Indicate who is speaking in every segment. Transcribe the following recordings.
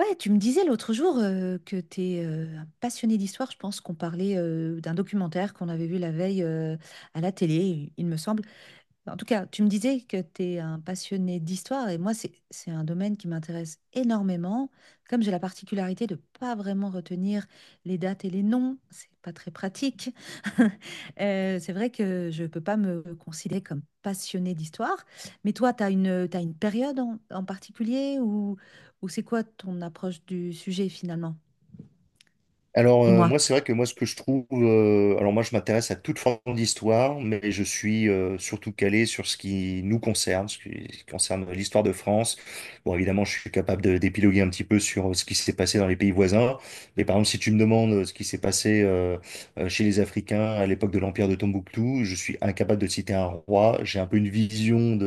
Speaker 1: Ouais, tu me disais l'autre jour que tu es un passionné d'histoire. Je pense qu'on parlait d'un documentaire qu'on avait vu la veille à la télé, il me semble. En tout cas, tu me disais que tu es un passionné d'histoire et moi, c'est un domaine qui m'intéresse énormément. Comme j'ai la particularité de pas vraiment retenir les dates et les noms, c'est pas très pratique. C'est vrai que je peux pas me considérer comme passionné d'histoire. Mais toi, tu une période en particulier, ou c'est quoi ton approche du sujet finalement?
Speaker 2: Alors,
Speaker 1: Dis-moi.
Speaker 2: moi, c'est vrai que moi, ce que je trouve, alors moi, je m'intéresse à toute forme d'histoire, mais je suis surtout calé sur ce qui nous concerne, ce qui concerne l'histoire de France. Bon, évidemment, je suis capable d'épiloguer un petit peu sur ce qui s'est passé dans les pays voisins, mais par exemple, si tu me demandes ce qui s'est passé chez les Africains à l'époque de l'Empire de Tombouctou, je suis incapable de citer un roi. J'ai un peu une vision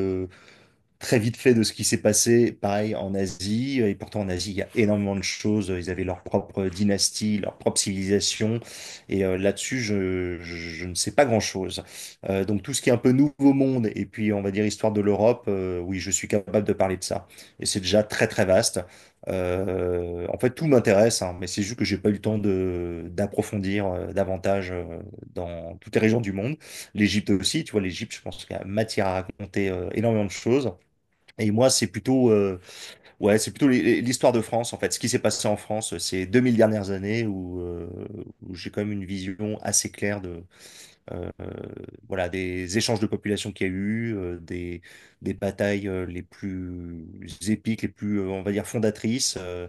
Speaker 2: très vite fait de ce qui s'est passé, pareil, en Asie. Et pourtant, en Asie, il y a énormément de choses. Ils avaient leur propre dynastie, leur propre civilisation. Et là-dessus, je ne sais pas grand-chose. Donc, tout ce qui est un peu nouveau monde, et puis, on va dire, histoire de l'Europe, oui, je suis capable de parler de ça. Et c'est déjà très, très vaste. En fait, tout m'intéresse, hein, mais c'est juste que j'ai pas eu le temps de d'approfondir davantage dans toutes les régions du monde. L'Égypte aussi, tu vois, l'Égypte, je pense qu'il y a matière à raconter énormément de choses. Et moi, c'est plutôt, ouais, c'est plutôt l'histoire de France, en fait. Ce qui s'est passé en France ces 2000 dernières années où, où j'ai quand même une vision assez claire de, euh, voilà, des échanges de population qu'il y a eu, des batailles les plus épiques, les plus, on va dire, fondatrices, euh,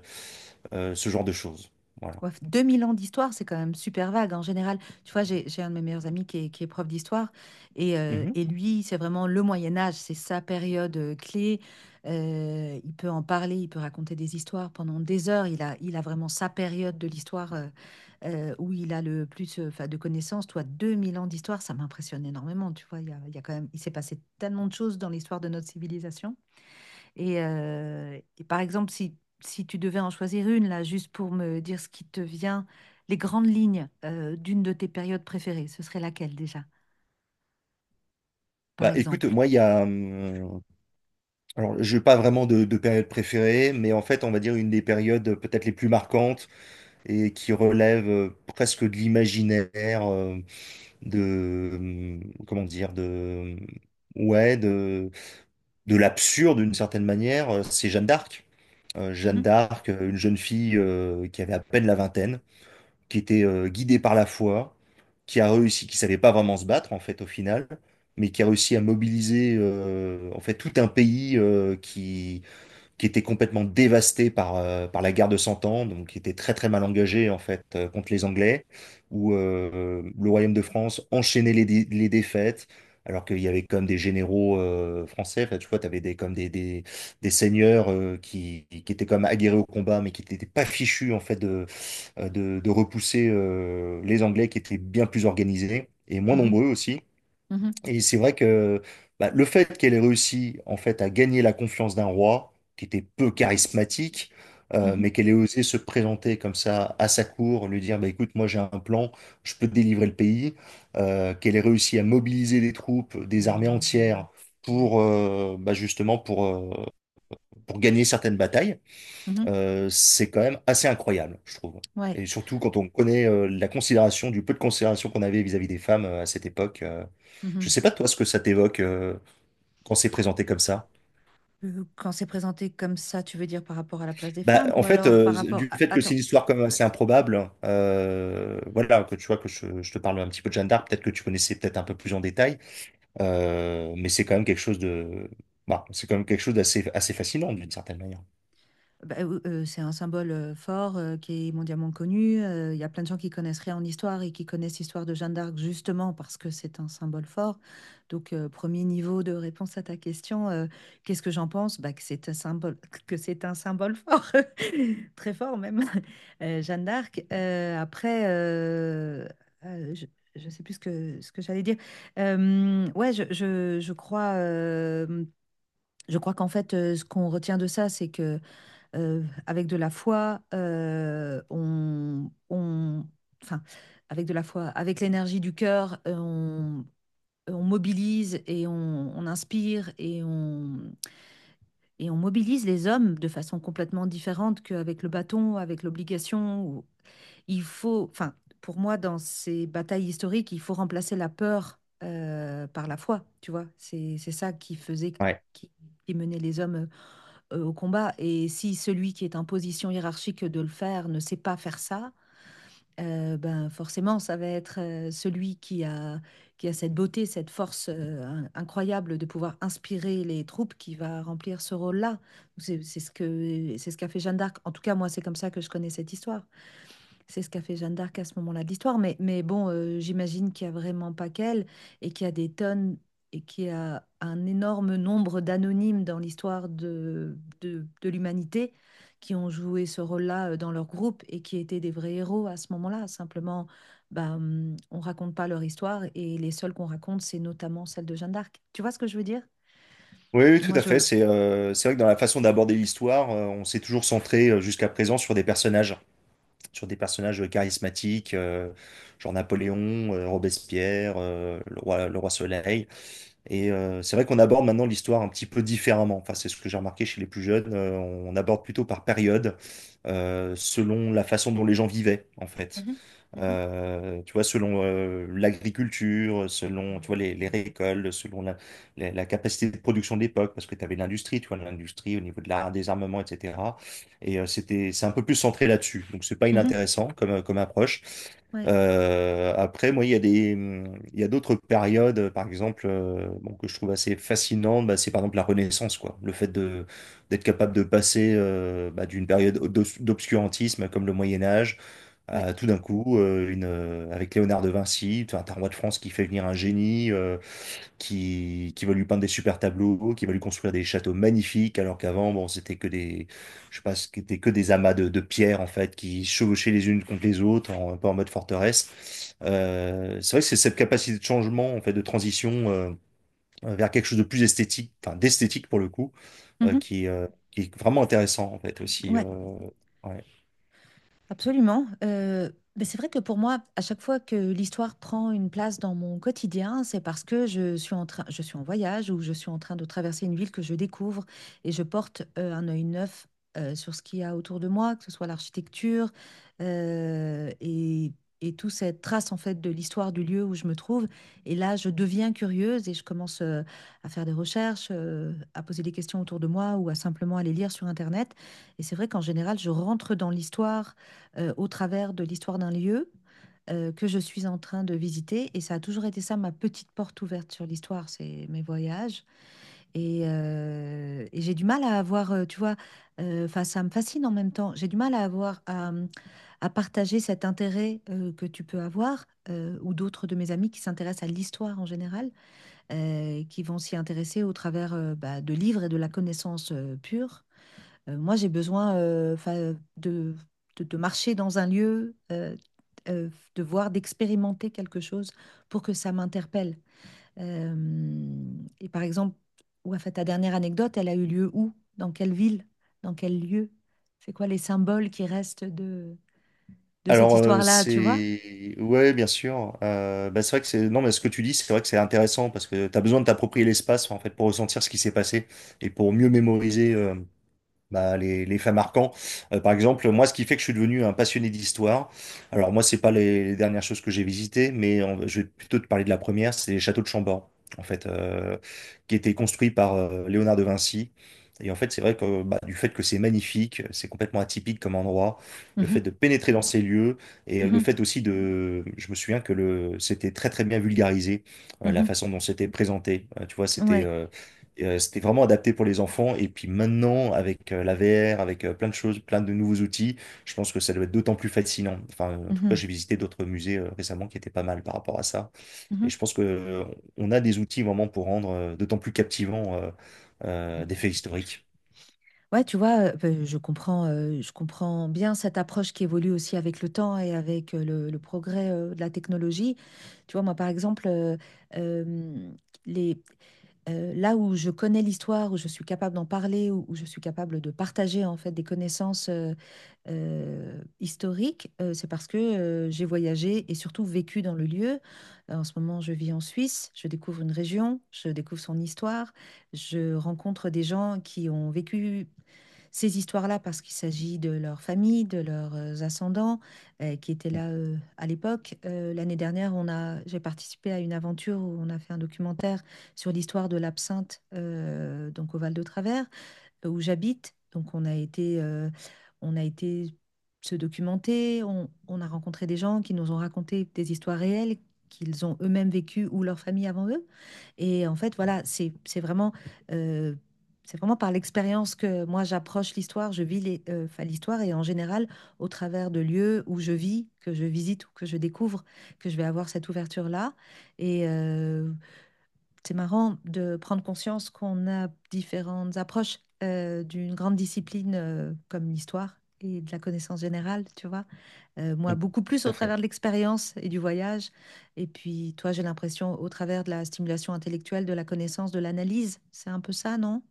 Speaker 2: euh, ce genre de choses. Voilà.
Speaker 1: Ouais, 2000 ans d'histoire, c'est quand même super vague en général. Tu vois, j'ai un de mes meilleurs amis qui est prof d'histoire et, euh,
Speaker 2: Mhm.
Speaker 1: et lui, c'est vraiment le Moyen Âge, c'est sa période clé. Il peut en parler, il peut raconter des histoires pendant des heures. Il a vraiment sa période de l'histoire où il a le plus 'fin, de connaissances. Toi, 2000 ans d'histoire, ça m'impressionne énormément. Tu vois, il y a quand même, il s'est passé tellement de choses dans l'histoire de notre civilisation. Et par exemple, si tu devais en choisir une, là, juste pour me dire ce qui te vient, les grandes lignes d'une de tes périodes préférées, ce serait laquelle déjà, par
Speaker 2: Bah, écoute,
Speaker 1: exemple?
Speaker 2: moi, il y a. Alors, je n'ai pas vraiment de période préférée, mais en fait, on va dire une des périodes peut-être les plus marquantes. Et qui relève presque de l'imaginaire, de, euh, comment dire, ouais, de, de l'absurde d'une certaine manière, c'est Jeanne d'Arc. Jeanne
Speaker 1: Mhm.
Speaker 2: d'Arc, une jeune fille qui avait à peine la vingtaine, qui était guidée par la foi, qui a réussi, qui savait pas vraiment se battre en fait au final, mais qui a réussi à mobiliser en fait tout un pays qui était complètement dévasté par, par la guerre de Cent Ans, donc qui était très très mal engagé en fait contre les Anglais, où le royaume de France enchaînait les, les défaites, alors qu'il y avait comme des généraux français, enfin, tu vois, tu avais des, des seigneurs qui étaient comme aguerris au combat, mais qui n'étaient pas fichus en fait de, de repousser les Anglais qui étaient bien plus organisés et moins
Speaker 1: Mhm.
Speaker 2: nombreux aussi.
Speaker 1: Mhm.
Speaker 2: Et c'est vrai que bah, le fait qu'elle ait réussi en fait à gagner la confiance d'un roi, qui était peu charismatique, mais
Speaker 1: Mhm.
Speaker 2: qu'elle ait osé se présenter comme ça à sa cour, lui dire bah, écoute, moi j'ai un plan, je peux te délivrer le pays, qu'elle ait réussi à mobiliser des troupes, des armées entières pour bah, justement pour gagner certaines batailles
Speaker 1: Mhm.
Speaker 2: c'est quand même assez incroyable, je trouve.
Speaker 1: Ouais.
Speaker 2: Et surtout quand on connaît la considération, du peu de considération qu'on avait vis-à-vis des femmes à cette époque. Je
Speaker 1: Mhm.
Speaker 2: sais pas toi ce que ça t'évoque quand c'est présenté comme ça.
Speaker 1: Quand c'est présenté comme ça, tu veux dire par rapport à la place des
Speaker 2: Bah,
Speaker 1: femmes
Speaker 2: en
Speaker 1: ou
Speaker 2: fait,
Speaker 1: alors par rapport.
Speaker 2: du
Speaker 1: Ah,
Speaker 2: fait que c'est une
Speaker 1: attends.
Speaker 2: histoire comme
Speaker 1: euh,
Speaker 2: assez improbable, voilà, que tu vois que je te parle un petit peu de Jeanne d'Arc, peut-être que tu connaissais peut-être un peu plus en détail. Mais c'est quand même quelque chose de, bah, c'est quand même quelque chose d'assez assez fascinant d'une certaine manière.
Speaker 1: Bah, c'est un symbole fort qui est mondialement connu. Il y a plein de gens qui connaissent rien en histoire et qui connaissent l'histoire de Jeanne d'Arc justement parce que c'est un symbole fort. Donc, premier niveau de réponse à ta question, qu'est-ce que j'en pense? Bah, que c'est un symbole, que c'est un symbole fort, très fort même. Jeanne d'Arc. Après, je ne sais plus ce que j'allais dire. Ouais, je crois. Je crois qu'en fait, ce qu'on retient de ça, c'est que avec de la foi, enfin, avec de la foi, avec l'énergie du cœur, on mobilise et on inspire et et on mobilise les hommes de façon complètement différente qu'avec le bâton, avec l'obligation. Il faut, enfin, pour moi, dans ces batailles historiques, il faut remplacer la peur par la foi, tu vois. C'est ça
Speaker 2: Ouais.
Speaker 1: qui, qui menait les hommes au combat. Et si celui qui est en position hiérarchique de le faire ne sait pas faire ça, ben, forcément ça va être, celui qui a cette beauté, cette force, incroyable de pouvoir inspirer les troupes qui va remplir ce rôle-là. C'est ce qu'a fait Jeanne d'Arc. En tout cas, moi, c'est comme ça que je connais cette histoire. C'est ce qu'a fait Jeanne d'Arc à ce moment-là de l'histoire, mais bon, j'imagine qu'il y a vraiment pas qu'elle et qu'il y a des tonnes et qu'il y a un énorme nombre d'anonymes dans l'histoire de l'humanité qui ont joué ce rôle-là dans leur groupe et qui étaient des vrais héros à ce moment-là. Simplement, bah, on raconte pas leur histoire et les seuls qu'on raconte, c'est notamment celle de Jeanne d'Arc. Tu vois ce que je veux dire?
Speaker 2: Oui, oui, tout
Speaker 1: Moi,
Speaker 2: à fait.
Speaker 1: je.
Speaker 2: C'est vrai que dans la façon d'aborder l'histoire, on s'est toujours centré jusqu'à présent sur des personnages. Sur des personnages charismatiques, genre Napoléon, Robespierre, le roi Soleil. Et c'est vrai qu'on aborde maintenant l'histoire un petit peu différemment. Enfin, c'est ce que j'ai remarqué chez les plus jeunes. On aborde plutôt par période, selon la façon dont les gens vivaient, en fait
Speaker 1: Mhm. Mhm.
Speaker 2: tu vois, selon l'agriculture, selon tu vois, les récoltes, selon la capacité de production de l'époque, parce que tu avais l'industrie, tu vois, l'industrie au niveau de des armements, etc. Et c'était, c'est un peu plus centré là-dessus. Donc, c'est pas
Speaker 1: Mhm.
Speaker 2: inintéressant comme, comme approche.
Speaker 1: Ouais,
Speaker 2: Après, moi, il y a d'autres périodes, par exemple, bon, que je trouve assez fascinantes, bah, c'est par exemple la Renaissance, quoi. Le fait de, d'être capable de passer bah, d'une période d'obscurantisme comme le Moyen Âge
Speaker 1: ouais,
Speaker 2: tout d'un coup, avec Léonard de Vinci, tu as un roi de France qui fait venir un génie, qui va lui peindre des super tableaux, qui va lui construire des châteaux magnifiques, alors qu'avant, bon, c'était que des, je sais pas, c'était que des amas de pierres, en fait, qui chevauchaient les unes contre les autres, en, un peu en mode forteresse. C'est vrai que c'est cette capacité de changement, en fait, de transition, vers quelque chose de plus esthétique, enfin, d'esthétique pour le coup,
Speaker 1: mhm.
Speaker 2: qui est vraiment intéressant, en fait, aussi.
Speaker 1: Ouais.
Speaker 2: Ouais.
Speaker 1: Absolument. Mais c'est vrai que pour moi, à chaque fois que l'histoire prend une place dans mon quotidien, c'est parce que je suis en voyage ou je suis en train de traverser une ville que je découvre et je porte un œil neuf sur ce qu'il y a autour de moi, que ce soit l'architecture euh, et, et toute cette trace en fait de l'histoire du lieu où je me trouve. Et là, je deviens curieuse et je commence à faire des recherches, à poser des questions autour de moi ou à simplement aller lire sur Internet. Et c'est vrai qu'en général, je rentre dans l'histoire au travers de l'histoire d'un lieu que je suis en train de visiter. Et ça a toujours été ça, ma petite porte ouverte sur l'histoire, c'est mes voyages. Et j'ai du mal à avoir, tu vois, enfin, ça me fascine en même temps. J'ai du mal à avoir à partager cet intérêt que tu peux avoir, ou d'autres de mes amis qui s'intéressent à l'histoire en général, qui vont s'y intéresser au travers bah, de livres et de la connaissance pure. Moi, j'ai besoin 'fin, de marcher dans un lieu, euh, de voir, d'expérimenter quelque chose pour que ça m'interpelle. Euh, et par exemple, ouais, 'fin, ta dernière anecdote, elle a eu lieu où? Dans quelle ville? Dans quel lieu? C'est quoi les symboles qui restent de cette
Speaker 2: Alors
Speaker 1: histoire-là, tu vois?
Speaker 2: c'est ouais bien sûr bah, c'est vrai que c'est non mais ce que tu dis c'est vrai que c'est intéressant parce que tu as besoin de t'approprier l'espace en fait pour ressentir ce qui s'est passé et pour mieux mémoriser bah, les faits marquants. Par exemple, moi, ce qui fait que je suis devenu un passionné d'histoire, alors moi, c'est pas les dernières choses que j'ai visitées, mais je vais plutôt te parler de la première, c'est les châteaux de Chambord, en fait, qui étaient construits par Léonard de Vinci. Et en fait, c'est vrai que bah, du fait que c'est magnifique, c'est complètement atypique comme endroit, le fait
Speaker 1: Mhm.
Speaker 2: de pénétrer dans ces lieux, et le
Speaker 1: Mhm.
Speaker 2: fait aussi de... Je me souviens que le... c'était très très bien vulgarisé, la façon dont c'était présenté. Tu vois,
Speaker 1: Mhm. Ouais.
Speaker 2: c'était vraiment adapté pour les enfants. Et puis maintenant, avec la VR, avec plein de choses, plein de nouveaux outils, je pense que ça doit être d'autant plus fascinant. Enfin, en tout cas,
Speaker 1: Mhm.
Speaker 2: j'ai visité d'autres musées récemment qui étaient pas mal par rapport à ça. Et je
Speaker 1: Mhm.
Speaker 2: pense que on a des outils vraiment pour rendre d'autant plus captivant des faits historiques.
Speaker 1: Ouais, tu vois, ben, je comprends bien cette approche qui évolue aussi avec le temps et avec le progrès de la technologie. Tu vois, moi, par exemple, euh, les, là où je connais l'histoire, où je suis capable d'en parler, où je suis capable de partager en fait des connaissances historiques, c'est parce que j'ai voyagé et surtout vécu dans le lieu. En ce moment, je vis en Suisse, je découvre une région, je découvre son histoire, je rencontre des gens qui ont vécu ces histoires-là parce qu'il s'agit de leur famille, de leurs ascendants qui étaient là à l'époque. L'année dernière, j'ai participé à une aventure où on a fait un documentaire sur l'histoire de l'absinthe donc au Val de Travers où j'habite. Donc on a été se documenter, on a rencontré des gens qui nous ont raconté des histoires réelles qu'ils ont eux-mêmes vécues ou leur famille avant eux. Et en fait, voilà, euh, c'est vraiment par l'expérience que moi j'approche l'histoire. Enfin, l'histoire et en général au travers de lieux où je vis, que je visite ou que je découvre, que je vais avoir cette ouverture-là. Et c'est marrant de prendre conscience qu'on a différentes approches d'une grande discipline comme l'histoire et de la connaissance générale, tu vois, moi,
Speaker 2: Mm.
Speaker 1: beaucoup
Speaker 2: Tout
Speaker 1: plus au
Speaker 2: à fait.
Speaker 1: travers de l'expérience et du voyage. Et puis, toi, j'ai l'impression au travers de la stimulation intellectuelle, de la connaissance, de l'analyse. C'est un peu ça, non?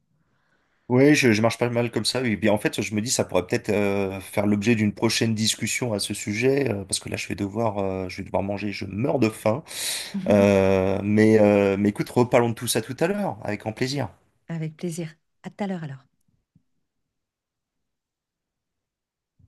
Speaker 2: Oui, je marche pas mal comme ça. Et bien, en fait, je me dis, ça pourrait peut-être faire l'objet d'une prochaine discussion à ce sujet, parce que là, je vais devoir manger. Je meurs de faim. Mais écoute, reparlons de tout ça tout à l'heure, avec grand plaisir.
Speaker 1: Avec plaisir. À tout à l'heure alors.